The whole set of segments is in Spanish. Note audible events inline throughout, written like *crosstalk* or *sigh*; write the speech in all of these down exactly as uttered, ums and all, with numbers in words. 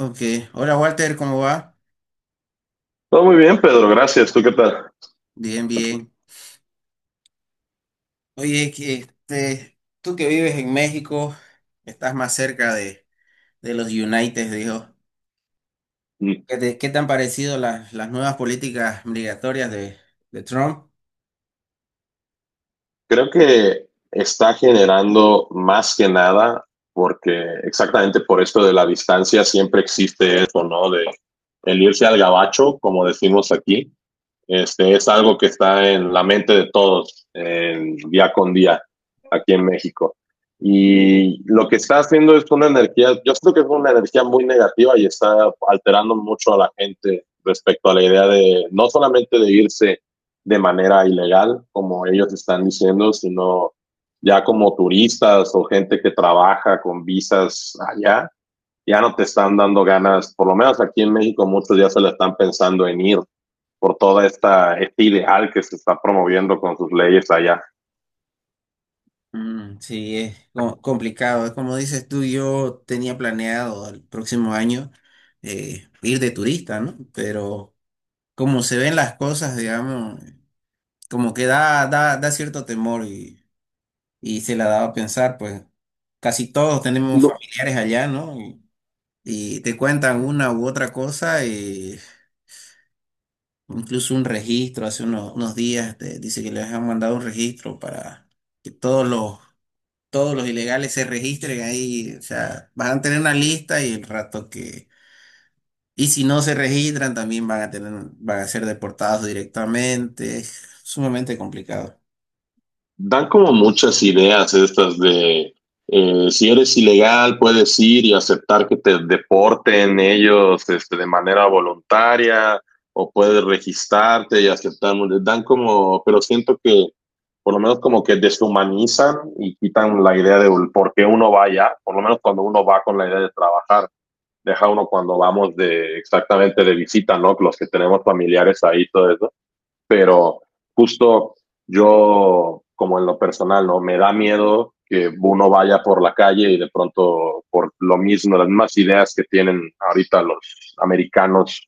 Ok, hola Walter, ¿cómo va? Todo muy bien, Pedro, gracias. ¿Tú qué tal? Bien, bien. Oye, que, este, tú que vives en México, estás más cerca de, de los United, dijo. Mm, ¿Qué te, qué te han parecido las, las nuevas políticas migratorias de, de Trump? Creo que está generando más que nada porque exactamente por esto de la distancia siempre existe eso, ¿no? De el irse al gabacho, como decimos aquí, este, es algo que está en la mente de todos en día con día aquí en México. Y lo que está haciendo es una energía, yo creo que es una energía muy negativa y está alterando mucho a la gente respecto a la idea de no solamente de irse de manera ilegal, como ellos están diciendo, sino ya como turistas o gente que trabaja con visas allá, ya no te están dando ganas, por lo menos aquí en México muchos ya se la están pensando en ir por toda esta este ideal que se está promoviendo con sus leyes allá. Mm, sí, es co- complicado. Es como dices tú, yo tenía planeado el próximo año eh, ir de turista, ¿no? Pero como se ven las cosas, digamos, como que da, da, da cierto temor y se la daba a pensar, pues casi todos tenemos No, familiares allá, ¿no? Y, y te cuentan una u otra cosa, y incluso un registro, hace unos, unos días te dice que les han mandado un registro para que todos los, todos los ilegales se registren ahí, o sea, van a tener una lista y el rato que... Y si no se registran, también van a tener, van a ser deportados directamente. Es sumamente complicado. dan como muchas ideas estas de eh, si eres ilegal puedes ir y aceptar que te deporten ellos este, de manera voluntaria o puedes registrarte y aceptar. Dan como, pero siento que por lo menos como que deshumanizan y quitan la idea de por qué uno va allá, por lo menos cuando uno va con la idea de trabajar. Deja uno cuando vamos de exactamente de visita, ¿no? Los que tenemos familiares ahí, todo eso. Pero justo yo, como en lo personal, ¿no? Me da miedo que uno vaya por la calle y de pronto por lo mismo, las mismas ideas que tienen ahorita los americanos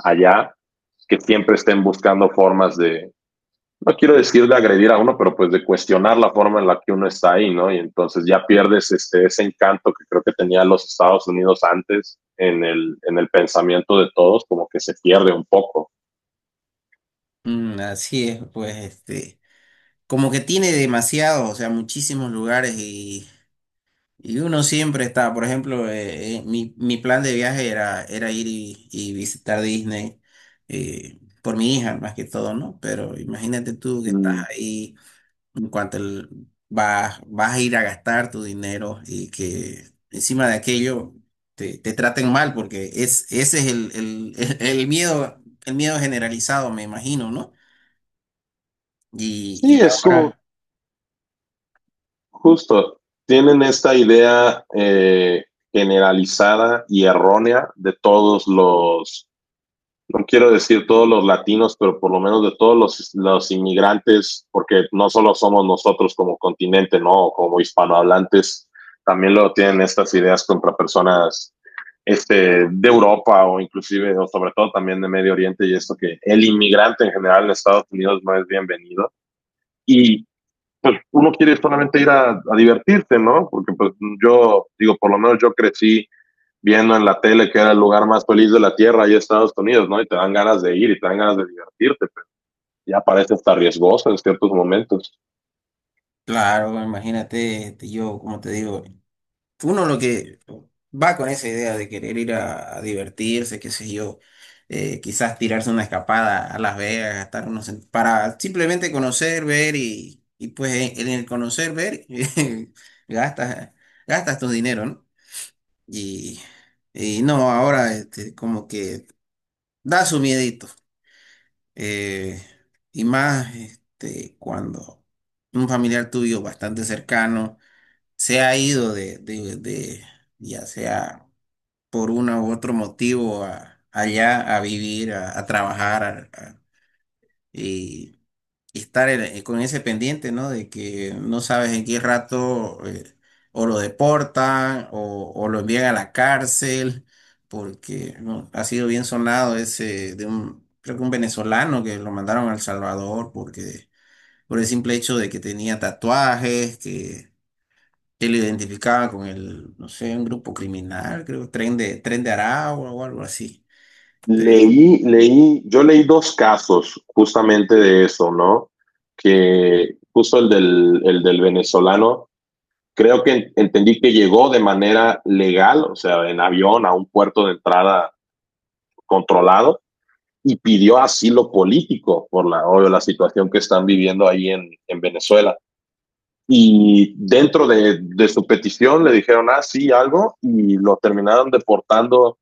allá, que siempre estén buscando formas de, no quiero decir de agredir a uno, pero pues de cuestionar la forma en la que uno está ahí, ¿no? Y entonces ya pierdes este, ese encanto que creo que tenía los Estados Unidos antes en el, en el pensamiento de todos, como que se pierde un poco. Mm, así es, pues, este. Como que tiene demasiado, o sea, muchísimos lugares y, y uno siempre está, por ejemplo, eh, eh, mi, mi plan de viaje era, era ir y, y visitar Disney eh, por mi hija más que todo, ¿no? Pero imagínate tú que estás ahí, en cuanto el- vas, vas a ir a gastar tu dinero y que encima de aquello te, te traten mal, porque es, ese es el, el, *laughs* el, el miedo, el miedo generalizado, me imagino, ¿no? Y, Sí, y es como ahora... justo, tienen esta idea eh, generalizada y errónea de todos los no quiero decir todos los latinos, pero por lo menos de todos los, los inmigrantes, porque no solo somos nosotros como continente, ¿no? Como hispanohablantes, también lo tienen estas ideas contra personas este, de Europa o inclusive, o sobre todo también de Medio Oriente y esto que el inmigrante en general en Estados Unidos no es bienvenido. Y pues uno quiere solamente ir a, a divertirse, ¿no? Porque pues yo, digo, por lo menos yo crecí viendo en la tele que era el lugar más feliz de la tierra, ahí en Estados Unidos, ¿no? Y te dan ganas de ir y te dan ganas de divertirte, pero ya parece hasta riesgoso en ciertos momentos. Claro, bueno, imagínate, este, yo, como te digo, uno lo que va con esa idea de querer ir a, a divertirse, qué sé yo, eh, quizás tirarse una escapada a Las Vegas, gastar unos, cent- para simplemente conocer, ver y, y pues en, en el conocer, ver, *laughs* gastas, gastas tu dinero, ¿no? Y, y no, ahora este, como que da su miedito, eh, y más este, cuando un familiar tuyo bastante cercano se ha ido de, de, de- ya sea por uno u otro motivo a- allá a vivir, a, a trabajar a- a- y, y estar en- eh, con ese pendiente, ¿no? De que no sabes en qué rato eh, o lo deportan o, o lo envían a la cárcel, porque ¿no? ha sido bien sonado ese de un, creo que un venezolano que lo mandaron a El Salvador porque... por el simple hecho de que tenía tatuajes, que y lo identificaba con el, no sé, un grupo criminal, creo, Tren de, Tren de Aragua o algo así. Pe- Leí, leí, yo leí dos casos justamente de eso, ¿no? Que justo el del, el del venezolano, creo que entendí que llegó de manera legal, o sea, en avión a un puerto de entrada controlado y pidió asilo político por la, obvio, la situación que están viviendo ahí en, en Venezuela y dentro de, de, su petición le dijeron, ah, sí, algo, y lo terminaron deportando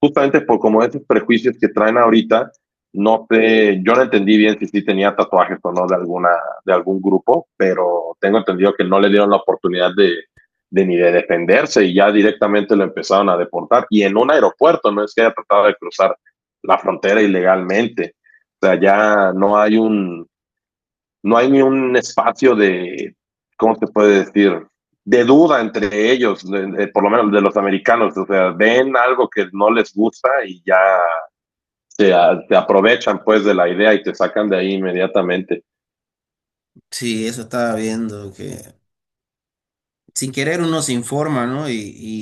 justamente por como esos prejuicios que traen ahorita. No sé, yo no entendí bien si sí tenía tatuajes o no de, alguna, de algún grupo, pero tengo entendido que no le dieron la oportunidad de, de ni de defenderse y ya directamente lo empezaron a deportar. Y en un aeropuerto, no es que haya tratado de cruzar la frontera ilegalmente. O sea, ya no hay un, no hay ni un espacio de, ¿cómo se puede decir? De duda entre ellos, de, de, por lo menos de los americanos. O sea, ven algo que no les gusta y ya se, a, se aprovechan pues de la idea y te sacan de ahí inmediatamente. Sí, eso estaba viendo, que sin querer uno se informa, ¿no? Y,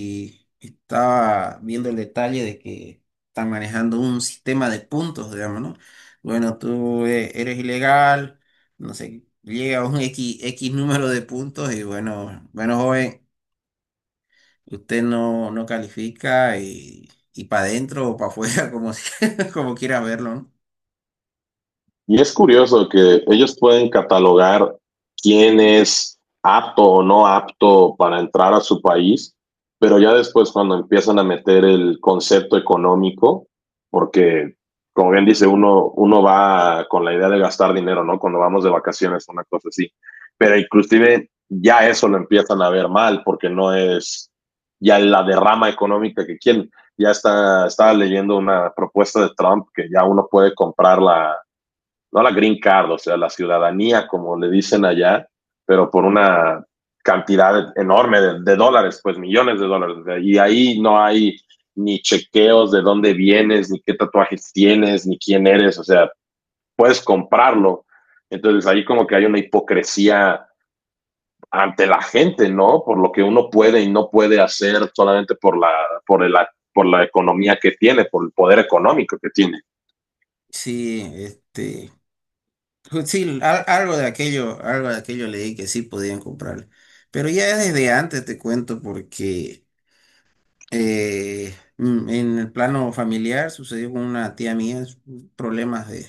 y estaba viendo el detalle de que están manejando un sistema de puntos, digamos, ¿no? Bueno, tú eh, eres ilegal, no sé, llega a un X, X número de puntos y bueno, bueno, joven, usted no, no califica y, y para adentro o para afuera, *laughs* como, si- como quiera verlo, ¿no? Y es curioso que ellos pueden catalogar quién es apto o no apto para entrar a su país, pero ya después cuando empiezan a meter el concepto económico, porque como bien dice uno, uno va con la idea de gastar dinero, ¿no? Cuando vamos de vacaciones, una cosa así, pero inclusive ya eso lo empiezan a ver mal porque no es ya la derrama económica que quieren. Ya está, estaba leyendo una propuesta de Trump que ya uno puede comprar la, no la green card, o sea, la ciudadanía, como le dicen allá, pero por una cantidad enorme de, de dólares, pues millones de dólares. Y ahí no hay ni chequeos de dónde vienes, ni qué tatuajes tienes, ni quién eres, o sea, puedes comprarlo. Entonces ahí como que hay una hipocresía ante la gente, ¿no? Por lo que uno puede y no puede hacer solamente por la, por el, por la economía que tiene, por el poder económico que tiene. Sí, este, ju- sí, al- algo de aquello, algo de aquello leí que sí podían comprarle. Pero ya desde antes te cuento porque eh, mm, en el plano familiar sucedió con una tía mía s- problemas de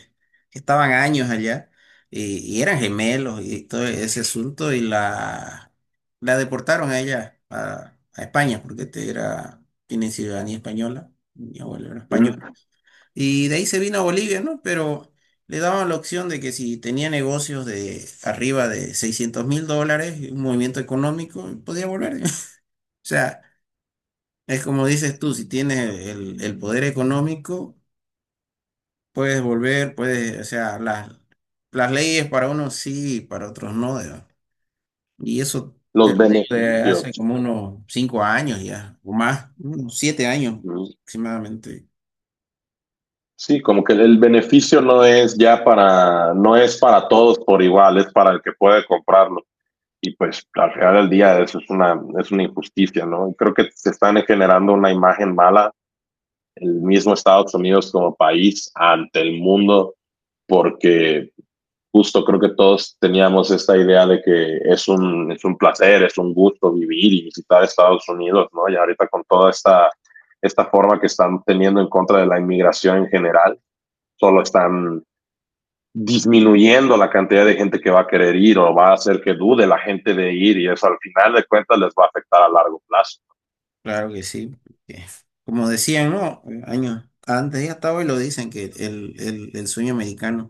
que estaban años allá y, y eran gemelos y todo ese asunto y la, la deportaron a ella a, a España porque este era, tiene ciudadanía española, mi abuelo era español. Mm. Y de ahí se vino a Bolivia, ¿no? Pero le daban la opción de que si tenía negocios de arriba de seiscientos mil dólares, un movimiento económico, podía volver. *laughs* O sea, es como dices tú, si tienes el, el poder económico, puedes volver, puedes, o sea, las, las leyes para unos sí, para otros no. Digamos. Y eso Los eh, hace beneficios. como unos cinco años ya, o más, unos siete años Claro. aproximadamente. Sí, como que el beneficio no es ya para, no es para todos por igual, es para el que puede comprarlo. Y pues al final del día eso es una, es una injusticia, ¿no? Y creo que se están generando una imagen mala el mismo Estados Unidos como país ante el mundo, porque justo creo que todos teníamos esta idea de que es un, es un placer, es un gusto vivir y visitar Estados Unidos, ¿no? Y ahorita con toda esta, esta forma que están teniendo en contra de la inmigración en general, solo están disminuyendo la cantidad de gente que va a querer ir o va a hacer que dude la gente de ir y eso al final de cuentas les va a afectar a largo plazo. Claro que sí, porque, como decían, ¿no? Años antes y hasta hoy lo dicen que el, el- el sueño americano.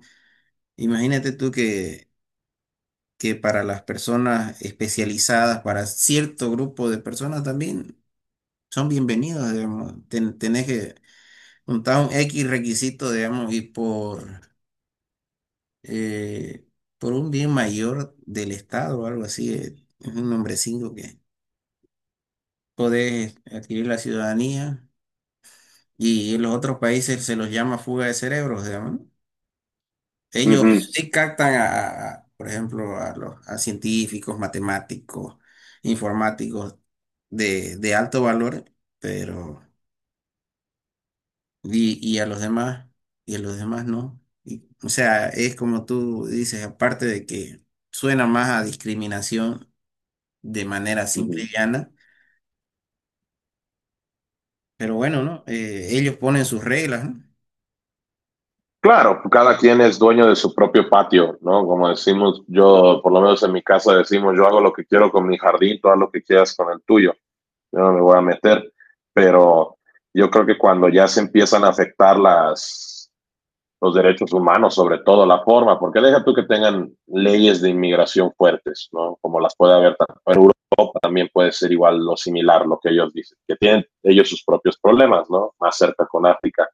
Imagínate tú que, que para las personas especializadas, para cierto grupo de personas también son bienvenidos, digamos. Ten- tenés que juntar un X requisito, digamos, y por, eh, por un bien mayor del Estado o algo así, eh, es un nombrecito que podés adquirir la ciudadanía. Y en los otros países se los llama fuga de cerebros, digamos. Uh -huh, Ellos sí captan a, a- por ejemplo, a los a científicos, matemáticos, informáticos de, de alto valor, pero y, y a los demás, y a los demás no. Y, o sea, es como tú dices, aparte de que suena más a discriminación de manera uh simple -huh. y llana, pero bueno, ¿no? Eh, ellos ponen sus reglas, ¿no? Claro, cada quien es dueño de su propio patio, ¿no? Como decimos, yo, por lo menos en mi casa decimos, yo hago lo que quiero con mi jardín, tú haz lo que quieras con el tuyo, yo no me voy a meter, pero yo creo que cuando ya se empiezan a afectar las, los derechos humanos, sobre todo la forma, porque deja tú que tengan leyes de inmigración fuertes, ¿no? Como las puede haber tanto en también puede ser igual lo similar, lo que ellos dicen, que tienen ellos sus propios problemas, ¿no? Más cerca con África,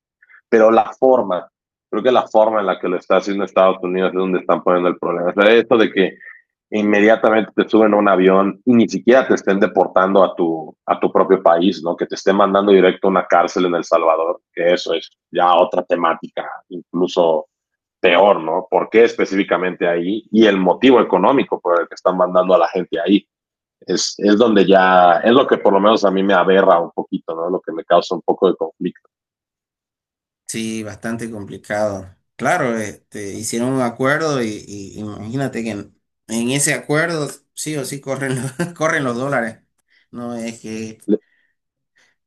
pero la forma, creo que la forma en la que lo está haciendo Estados Unidos es donde están poniendo el problema. O sea, esto de que inmediatamente te suben a un avión y ni siquiera te estén deportando a tu, a tu propio país, ¿no? Que te estén mandando directo a una cárcel en El Salvador, que eso es ya otra temática, incluso peor, ¿no? ¿Por qué específicamente ahí? Y el motivo económico por el que están mandando a la gente ahí es, es donde ya, es lo que por lo menos a mí me aberra un poquito, ¿no? Lo que me causa un poco de conflicto. Sí, bastante complicado. Claro, este, hicieron un acuerdo y, y imagínate que en, en ese acuerdo sí o sí corren los, *laughs* corren los dólares. No es que, Le,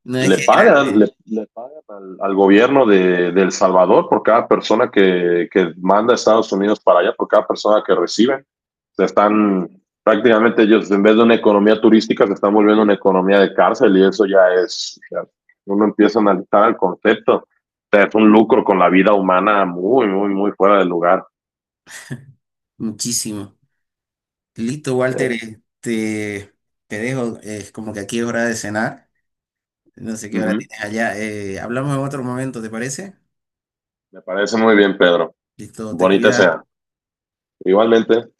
no es le que es pagan, le, gratis, le pagan al, al, gobierno de, de, El Salvador por cada persona que, que, manda a Estados Unidos para allá, por cada persona que reciben. Se están prácticamente ellos, en vez de una economía turística, se están volviendo una economía de cárcel y eso ya es, ya uno empieza a analizar el concepto. O sea, es un lucro con la vida humana muy, muy, muy fuera de lugar. muchísimo. Listo, Walter, Sí. este, te dejo, es como que aquí es hora de cenar. No sé Uh qué hora -huh. tienes allá. Eh, hablamos en otro momento, ¿te parece? Me parece muy bien, Pedro. Listo, te Bonita cuidas. sea. Igualmente.